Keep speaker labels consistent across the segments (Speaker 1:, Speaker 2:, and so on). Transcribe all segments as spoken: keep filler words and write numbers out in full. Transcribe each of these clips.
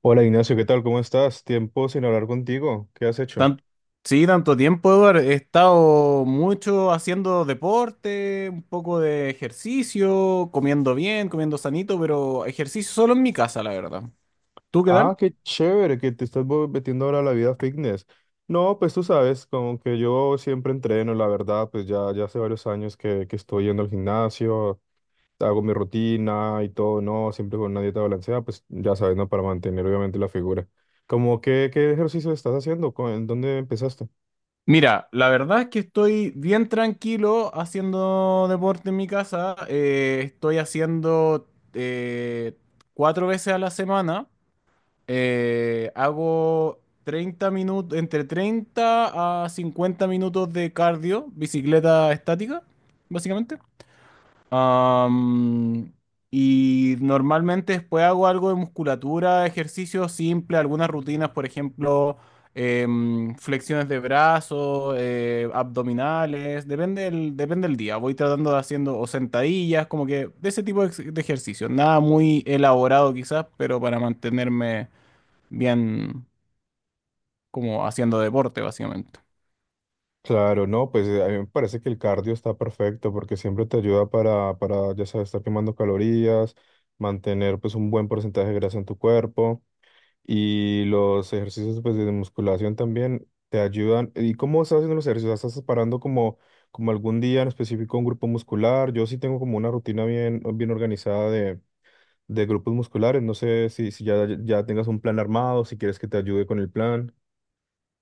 Speaker 1: Hola Ignacio, ¿qué tal? ¿Cómo estás? Tiempo sin hablar contigo. ¿Qué has hecho?
Speaker 2: Tan- sí, tanto tiempo, Eduardo. He estado mucho haciendo deporte, un poco de ejercicio, comiendo bien, comiendo sanito, pero ejercicio solo en mi casa, la verdad. ¿Tú qué
Speaker 1: Ah,
Speaker 2: tal?
Speaker 1: qué chévere que te estás mo- metiendo ahora a la vida fitness. No, pues tú sabes, como que yo siempre entreno, la verdad, pues ya, ya hace varios años que, que estoy yendo al gimnasio, hago mi rutina y todo, no, siempre con una dieta balanceada, pues ya sabes, ¿no? Para mantener obviamente la figura. Como que, ¿qué ejercicio estás haciendo? ¿Cu- ¿En dónde empezaste?
Speaker 2: Mira, la verdad es que estoy bien tranquilo haciendo deporte en mi casa. Eh, estoy haciendo eh, cuatro veces a la semana. Eh, hago treinta minutos, entre treinta a cincuenta minutos de cardio, bicicleta estática, básicamente. Am, y normalmente después hago algo de musculatura, ejercicio simple, algunas rutinas, por ejemplo, em, flexiones de brazos, eh, abdominales, depende del, depende del día. Voy tratando de haciendo o sentadillas, como que de ese tipo de, ex- de ejercicio. Nada muy elaborado quizás, pero para mantenerme bien como haciendo deporte, básicamente.
Speaker 1: Claro, no, pues eh, a mí me parece que el cardio está perfecto porque siempre te ayuda para, para, ya sabes, estar quemando calorías, mantener pues un buen porcentaje de grasa en tu cuerpo y los ejercicios pues de musculación también te ayudan. ¿Y cómo estás haciendo los ejercicios? ¿Estás separando como, como algún día en específico un grupo muscular? Yo sí tengo como una rutina bien, bien organizada de, de grupos musculares. No sé si, si ya, ya tengas un plan armado, si quieres que te ayude con el plan.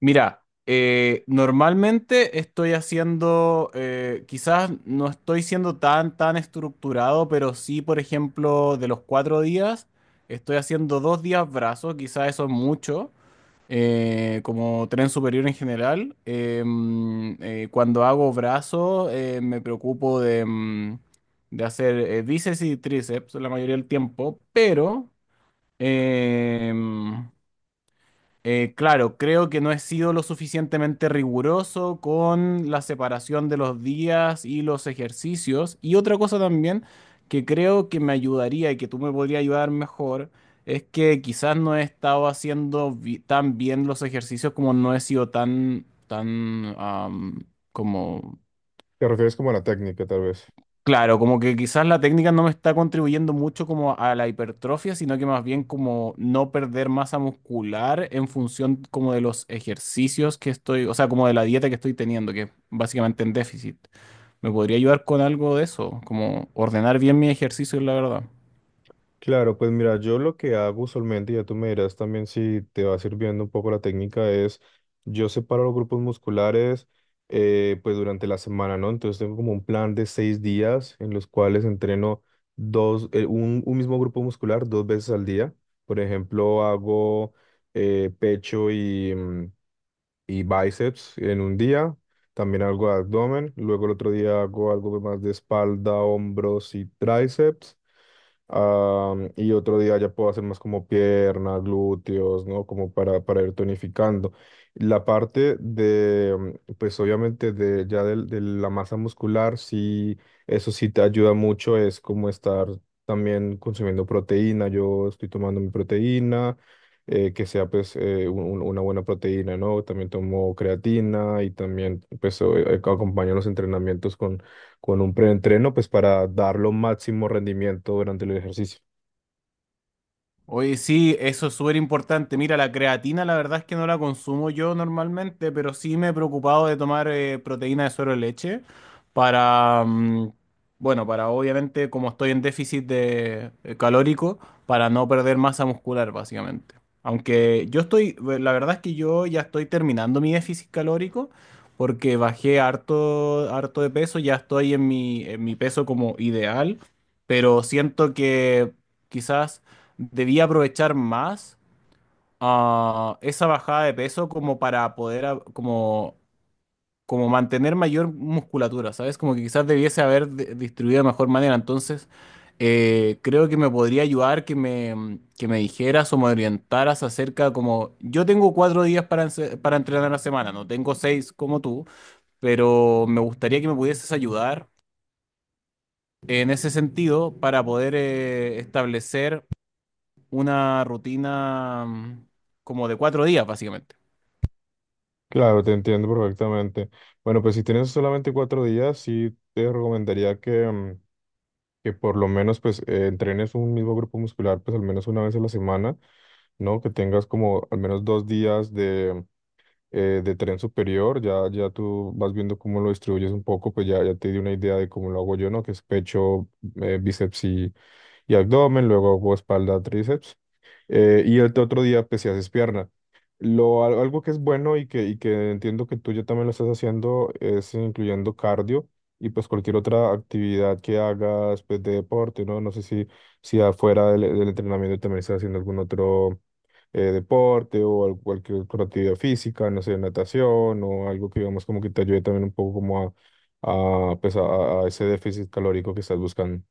Speaker 2: Mira, eh, normalmente estoy haciendo, eh, quizás no estoy siendo tan, tan estructurado, pero sí, por ejemplo, de los cuatro días, estoy haciendo dos días brazos, quizás eso es mucho. Eh, como tren superior en general. Eh, mm, eh, cuando hago brazos, eh, me preocupo de, mm, de hacer eh, bíceps y tríceps la mayoría del tiempo, pero eh, eh, claro, creo que no he sido lo suficientemente riguroso con la separación de los días y los ejercicios. Y otra cosa también que creo que me ayudaría y que tú me podrías ayudar mejor es que quizás no he estado haciendo bi- tan bien los ejercicios como no he sido tan, tan, am, como.
Speaker 1: Te refieres como a la técnica, tal vez.
Speaker 2: Claro, como que quizás la técnica no me está contribuyendo mucho como a la hipertrofia, sino que más bien como no perder masa muscular en función como de los ejercicios que estoy, o sea, como de la dieta que estoy teniendo, que básicamente en déficit. ¿Me podría ayudar con algo de eso? Como ordenar bien mi ejercicio, la verdad.
Speaker 1: Claro, pues mira, yo lo que hago usualmente, ya tú me dirás también si te va sirviendo un poco la técnica, es yo separo los grupos musculares eh, pues durante la semana, ¿no? Entonces tengo como un plan de seis días en los cuales entreno dos, eh, un, un mismo grupo muscular dos veces al día. Por ejemplo, hago eh, pecho y, mm, y bíceps en un día, también algo de abdomen, luego el otro día hago algo más de espalda, hombros y tríceps. Am, y otro día ya puedo hacer más como pierna, glúteos, ¿no? Como para, para ir tonificando. La parte de, mm, pues obviamente de ya del- de, la masa muscular, sí, eso sí te ayuda mucho, es como estar también consumiendo proteína. Yo estoy tomando mi proteína, eh, que sea pues eh, un- un- una buena proteína, ¿no? También tomo creatina y también pues o- eh, acompaño los entrenamientos con un preentreno, pues para dar lo máximo rendimiento durante el ejercicio.
Speaker 2: Oye, sí, eso es súper importante. Mira, la creatina la verdad es que no la consumo yo normalmente, pero sí me he preocupado de tomar eh, proteína de suero de leche para, mm, bueno, para obviamente como estoy en déficit de eh, calórico, para no perder masa muscular básicamente. Aunque yo estoy, eh, la verdad es que yo ya estoy terminando mi déficit calórico porque bajé harto, harto de peso, ya estoy en mi, en mi peso como ideal, pero siento que quizás debía aprovechar más ah, esa bajada de peso como para poder a- como, como mantener mayor musculatura, ¿sabes? Como que quizás debiese haber de- distribuido de mejor manera. Entonces, eh, creo que me podría ayudar que me, que me dijeras o me orientaras acerca como yo tengo cuatro días para, ense- para entrenar a la semana, no tengo seis como tú, pero me gustaría que me pudieses ayudar en ese sentido para poder eh, establecer una rutina mm, como de cuatro días, básicamente.
Speaker 1: Claro, te entiendo perfectamente. Bueno, pues si tienes solamente cuatro días, sí te recomendaría que, mm, que por lo menos pues eh, entrenes un mismo grupo muscular pues al menos una vez a la semana, ¿no? Que tengas como al menos dos días de, eh, de tren superior, ya, ya tú vas viendo cómo lo distribuyes un poco, pues ya, ya te di una idea de cómo lo hago yo, ¿no? Que es pecho, eh, bíceps y, y abdomen, luego hago espalda, tríceps. Eh, y el otro día pues si haces pierna. Lo, al- algo que es bueno y que, y que entiendo que tú ya también lo estás haciendo es incluyendo cardio y pues cualquier otra actividad que hagas pues, de deporte, ¿no? No sé si, si afuera del, del entrenamiento también estás haciendo algún otro eh, deporte o al- cualquier otra actividad física, no sé, natación o algo que digamos como que te ayude también un poco como a, a, pues, a, a ese déficit calórico que estás buscando.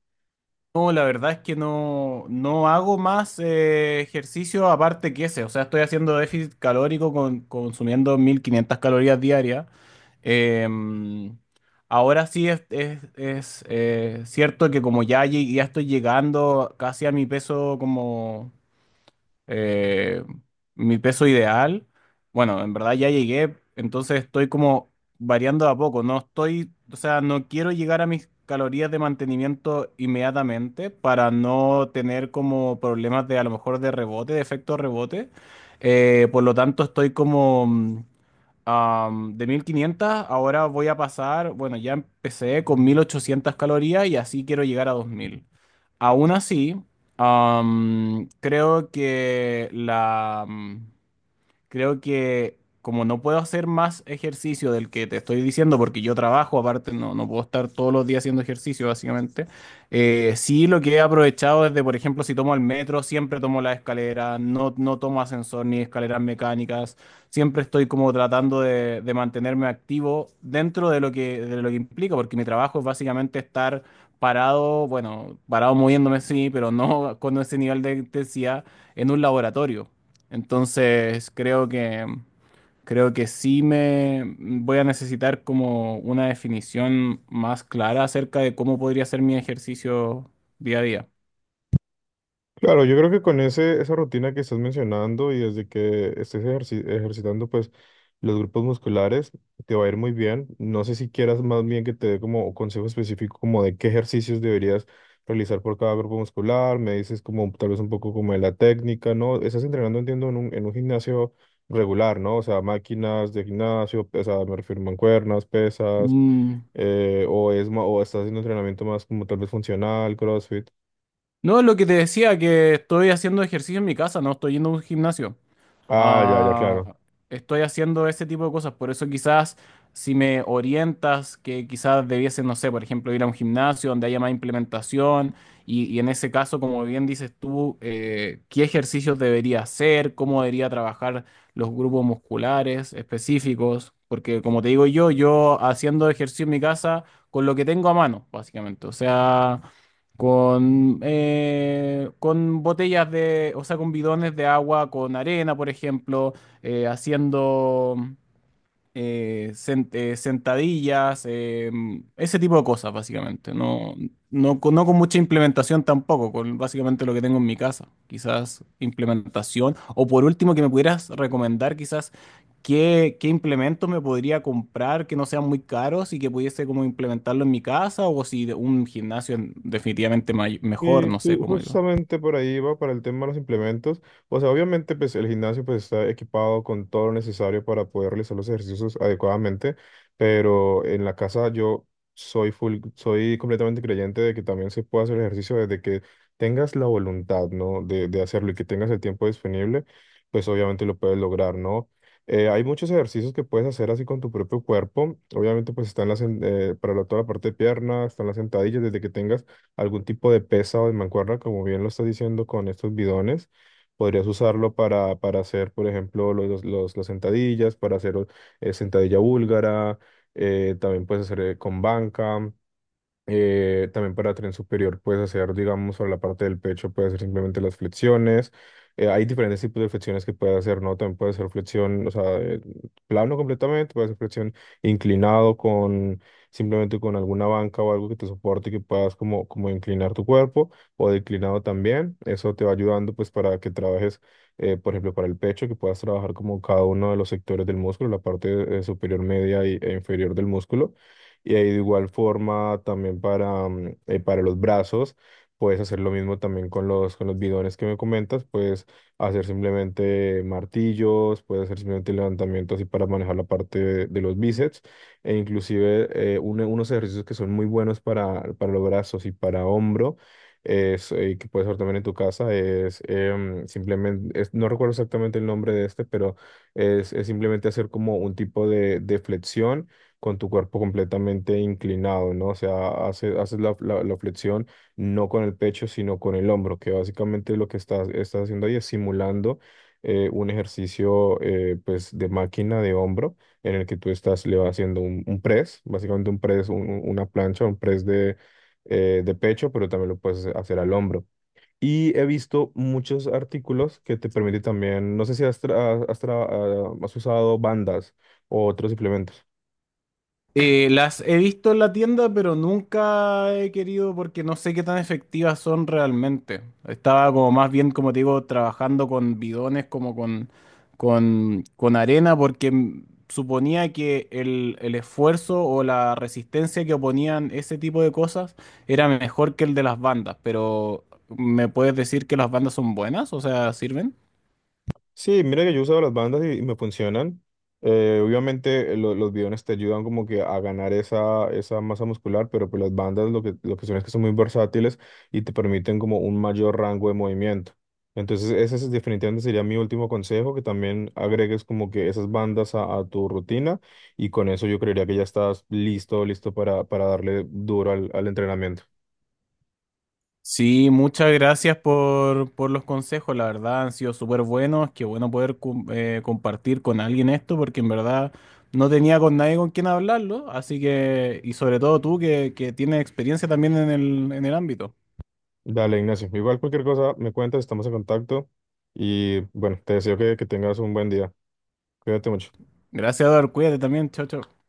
Speaker 2: No, la verdad es que no, no hago más eh, ejercicio aparte que ese. O sea, estoy haciendo déficit calórico con, consumiendo mil quinientas calorías diarias. Em, Ahora sí es, es- es, eh, cierto que como ya, llegué- ya estoy llegando casi a mi peso como eh, mi peso ideal. Bueno, en verdad ya llegué, entonces estoy como variando a poco. No estoy, o sea, no quiero llegar a mis calorías de mantenimiento inmediatamente para no tener como problemas de a lo mejor de rebote, de efecto rebote. Eh, por lo tanto, estoy como Am, de mil quinientas ahora voy a pasar, bueno, ya empecé con mil ochocientas calorías y así quiero llegar a dos mil. Aún así, am, creo que la, creo que como no puedo hacer más ejercicio del que te estoy diciendo, porque yo trabajo, aparte no, no puedo estar todos los días haciendo ejercicio, básicamente, eh, sí lo que he aprovechado es de, por ejemplo, si tomo el metro, siempre tomo la escalera, no, no tomo ascensor ni escaleras mecánicas, siempre estoy como tratando de, de mantenerme activo dentro de lo que, de lo que implica, porque mi trabajo es básicamente estar parado, bueno, parado moviéndome, sí, pero no con ese nivel de intensidad en un laboratorio. Entonces, creo que creo que sí me voy a necesitar como una definición más clara acerca de cómo podría ser mi ejercicio día a día.
Speaker 1: Claro, yo creo que con ese, esa rutina que estás mencionando y desde que estés ejerci- ejercitando pues los grupos musculares, te va a ir muy bien. No sé si quieras más bien que te dé como consejo específico como de qué ejercicios deberías realizar por cada grupo muscular. Me dices como tal vez un poco como de la técnica, ¿no? Estás entrenando, entiendo, en un, en un gimnasio regular, ¿no? O sea, máquinas de gimnasio, o sea, me refiero a mancuernas, pesas,
Speaker 2: Mm.
Speaker 1: eh, o, es, ma- o estás haciendo entrenamiento más como tal vez funcional, CrossFit.
Speaker 2: No, lo que te decía, que estoy haciendo ejercicio en mi casa, no estoy yendo a un gimnasio.
Speaker 1: Ah, ya, ya,
Speaker 2: Ah,
Speaker 1: claro.
Speaker 2: estoy haciendo ese tipo de cosas, por eso quizás si me orientas que quizás debiese, no sé, por ejemplo, ir a un gimnasio donde haya más implementación y, y en ese caso, como bien dices tú, eh, qué ejercicios debería hacer, cómo debería trabajar los grupos musculares específicos, porque como te digo yo, yo haciendo ejercicio en mi casa con lo que tengo a mano, básicamente, o sea... Con, eh, con botellas de, o sea, con bidones de agua, con arena, por ejemplo, eh, haciendo, eh, sen- eh, sentadillas, eh, ese tipo de cosas, básicamente. No, no, con- no con mucha implementación tampoco, con básicamente lo que tengo en mi casa. Quizás implementación. O por último, que me pudieras recomendar quizás qué, qué implementos me podría comprar que no sean muy caros y que pudiese como implementarlo en mi casa o si de- un gimnasio en- definitivamente may- mejor,
Speaker 1: Y
Speaker 2: no sé
Speaker 1: ju-
Speaker 2: cómo digo.
Speaker 1: justamente por ahí va para el tema de los implementos. O sea, obviamente pues el gimnasio pues está equipado con todo lo necesario para poder realizar los ejercicios adecuadamente, pero en la casa yo soy full, soy completamente creyente de que también se puede hacer ejercicio desde que tengas la voluntad, ¿no? De, de hacerlo y que tengas el tiempo disponible, pues obviamente lo puedes lograr, ¿no? Eh, hay muchos ejercicios que puedes hacer así con tu propio cuerpo. Obviamente pues están las, en- eh, para la- toda la parte de piernas, están las sentadillas, desde que tengas algún tipo de pesa o de mancuerna, como bien lo estás diciendo con estos bidones. Podrías usarlo para, para hacer, por ejemplo, los, los, las sentadillas, para hacer eh, sentadilla búlgara, eh, también puedes hacer eh, con banca. Eh, también para tren superior puedes hacer, digamos, sobre la parte del pecho, puedes hacer simplemente las flexiones. Eh, hay diferentes tipos de flexiones que puedes hacer, ¿no? También puedes hacer flexión, o sea, eh, plano completamente, puedes hacer flexión inclinado con simplemente con alguna banca o algo que te soporte y que puedas como, como inclinar tu cuerpo o declinado también. Eso te va ayudando pues para que trabajes, eh, por ejemplo, para el pecho, que puedas trabajar como cada uno de los sectores del músculo, la parte eh, superior, media y- e inferior del músculo y ahí de igual forma también para, mm, eh, para los brazos, puedes hacer lo mismo también con los, con los bidones que me comentas, puedes hacer simplemente martillos, puedes hacer simplemente levantamientos así para manejar la parte de, de los bíceps e inclusive eh, uno- unos ejercicios que son muy buenos para, para los brazos y para hombro. Es, eh, que puedes hacer también en tu casa, es em, simplemente, es- no recuerdo exactamente el nombre de este, pero es, es simplemente hacer como un tipo de de flexión con tu cuerpo completamente inclinado, ¿no? O sea, hace- haces la, la- la flexión no con el pecho, sino con el hombro, que básicamente lo que estás, estás haciendo ahí es simulando eh, un ejercicio eh, pues de máquina de hombro en el que tú estás le vas haciendo un, un press, básicamente un press, un- un- una plancha, un press de, eh, de pecho, pero también lo puedes hacer al hombro. Y he visto muchos artículos que te permiten también, no sé si has, tra- has tra- has usado bandas o otros suplementos.
Speaker 2: Eh, las he visto en la tienda, pero nunca he querido porque no sé qué tan efectivas son realmente. Estaba como más bien, como te digo, trabajando con bidones, como con, con, con arena, porque mm, suponía que el, el esfuerzo o la resistencia que oponían ese tipo de cosas era mejor que el de las bandas. Pero, ¿me puedes decir que las bandas son buenas? O sea, ¿sirven?
Speaker 1: Sí, mira que yo he usado las bandas y, y me funcionan. Eh, obviamente eh, lo- los bidones te ayudan como que a ganar esa, esa masa muscular, pero pues las bandas lo que, lo que son es que son muy versátiles y te permiten como un mayor rango de movimiento. Entonces ese es- definitivamente sería mi último consejo, que también agregues como que esas bandas a, a tu rutina y con eso yo creería que ya estás listo, listo para, para darle duro al, al entrenamiento.
Speaker 2: Sí, muchas gracias por, por los consejos, la verdad han sido súper buenos, qué bueno poder cum- eh, compartir con alguien esto, porque en verdad no tenía con nadie con quien hablarlo, así que, y sobre todo tú que, que tienes experiencia también en el, en el ámbito.
Speaker 1: Dale, Ignacio. Igual cualquier cosa me cuentas, estamos en contacto y bueno, te deseo que que tengas un buen día. Cuídate mucho.
Speaker 2: Gracias, Eduardo, cuídate también, chao, chao.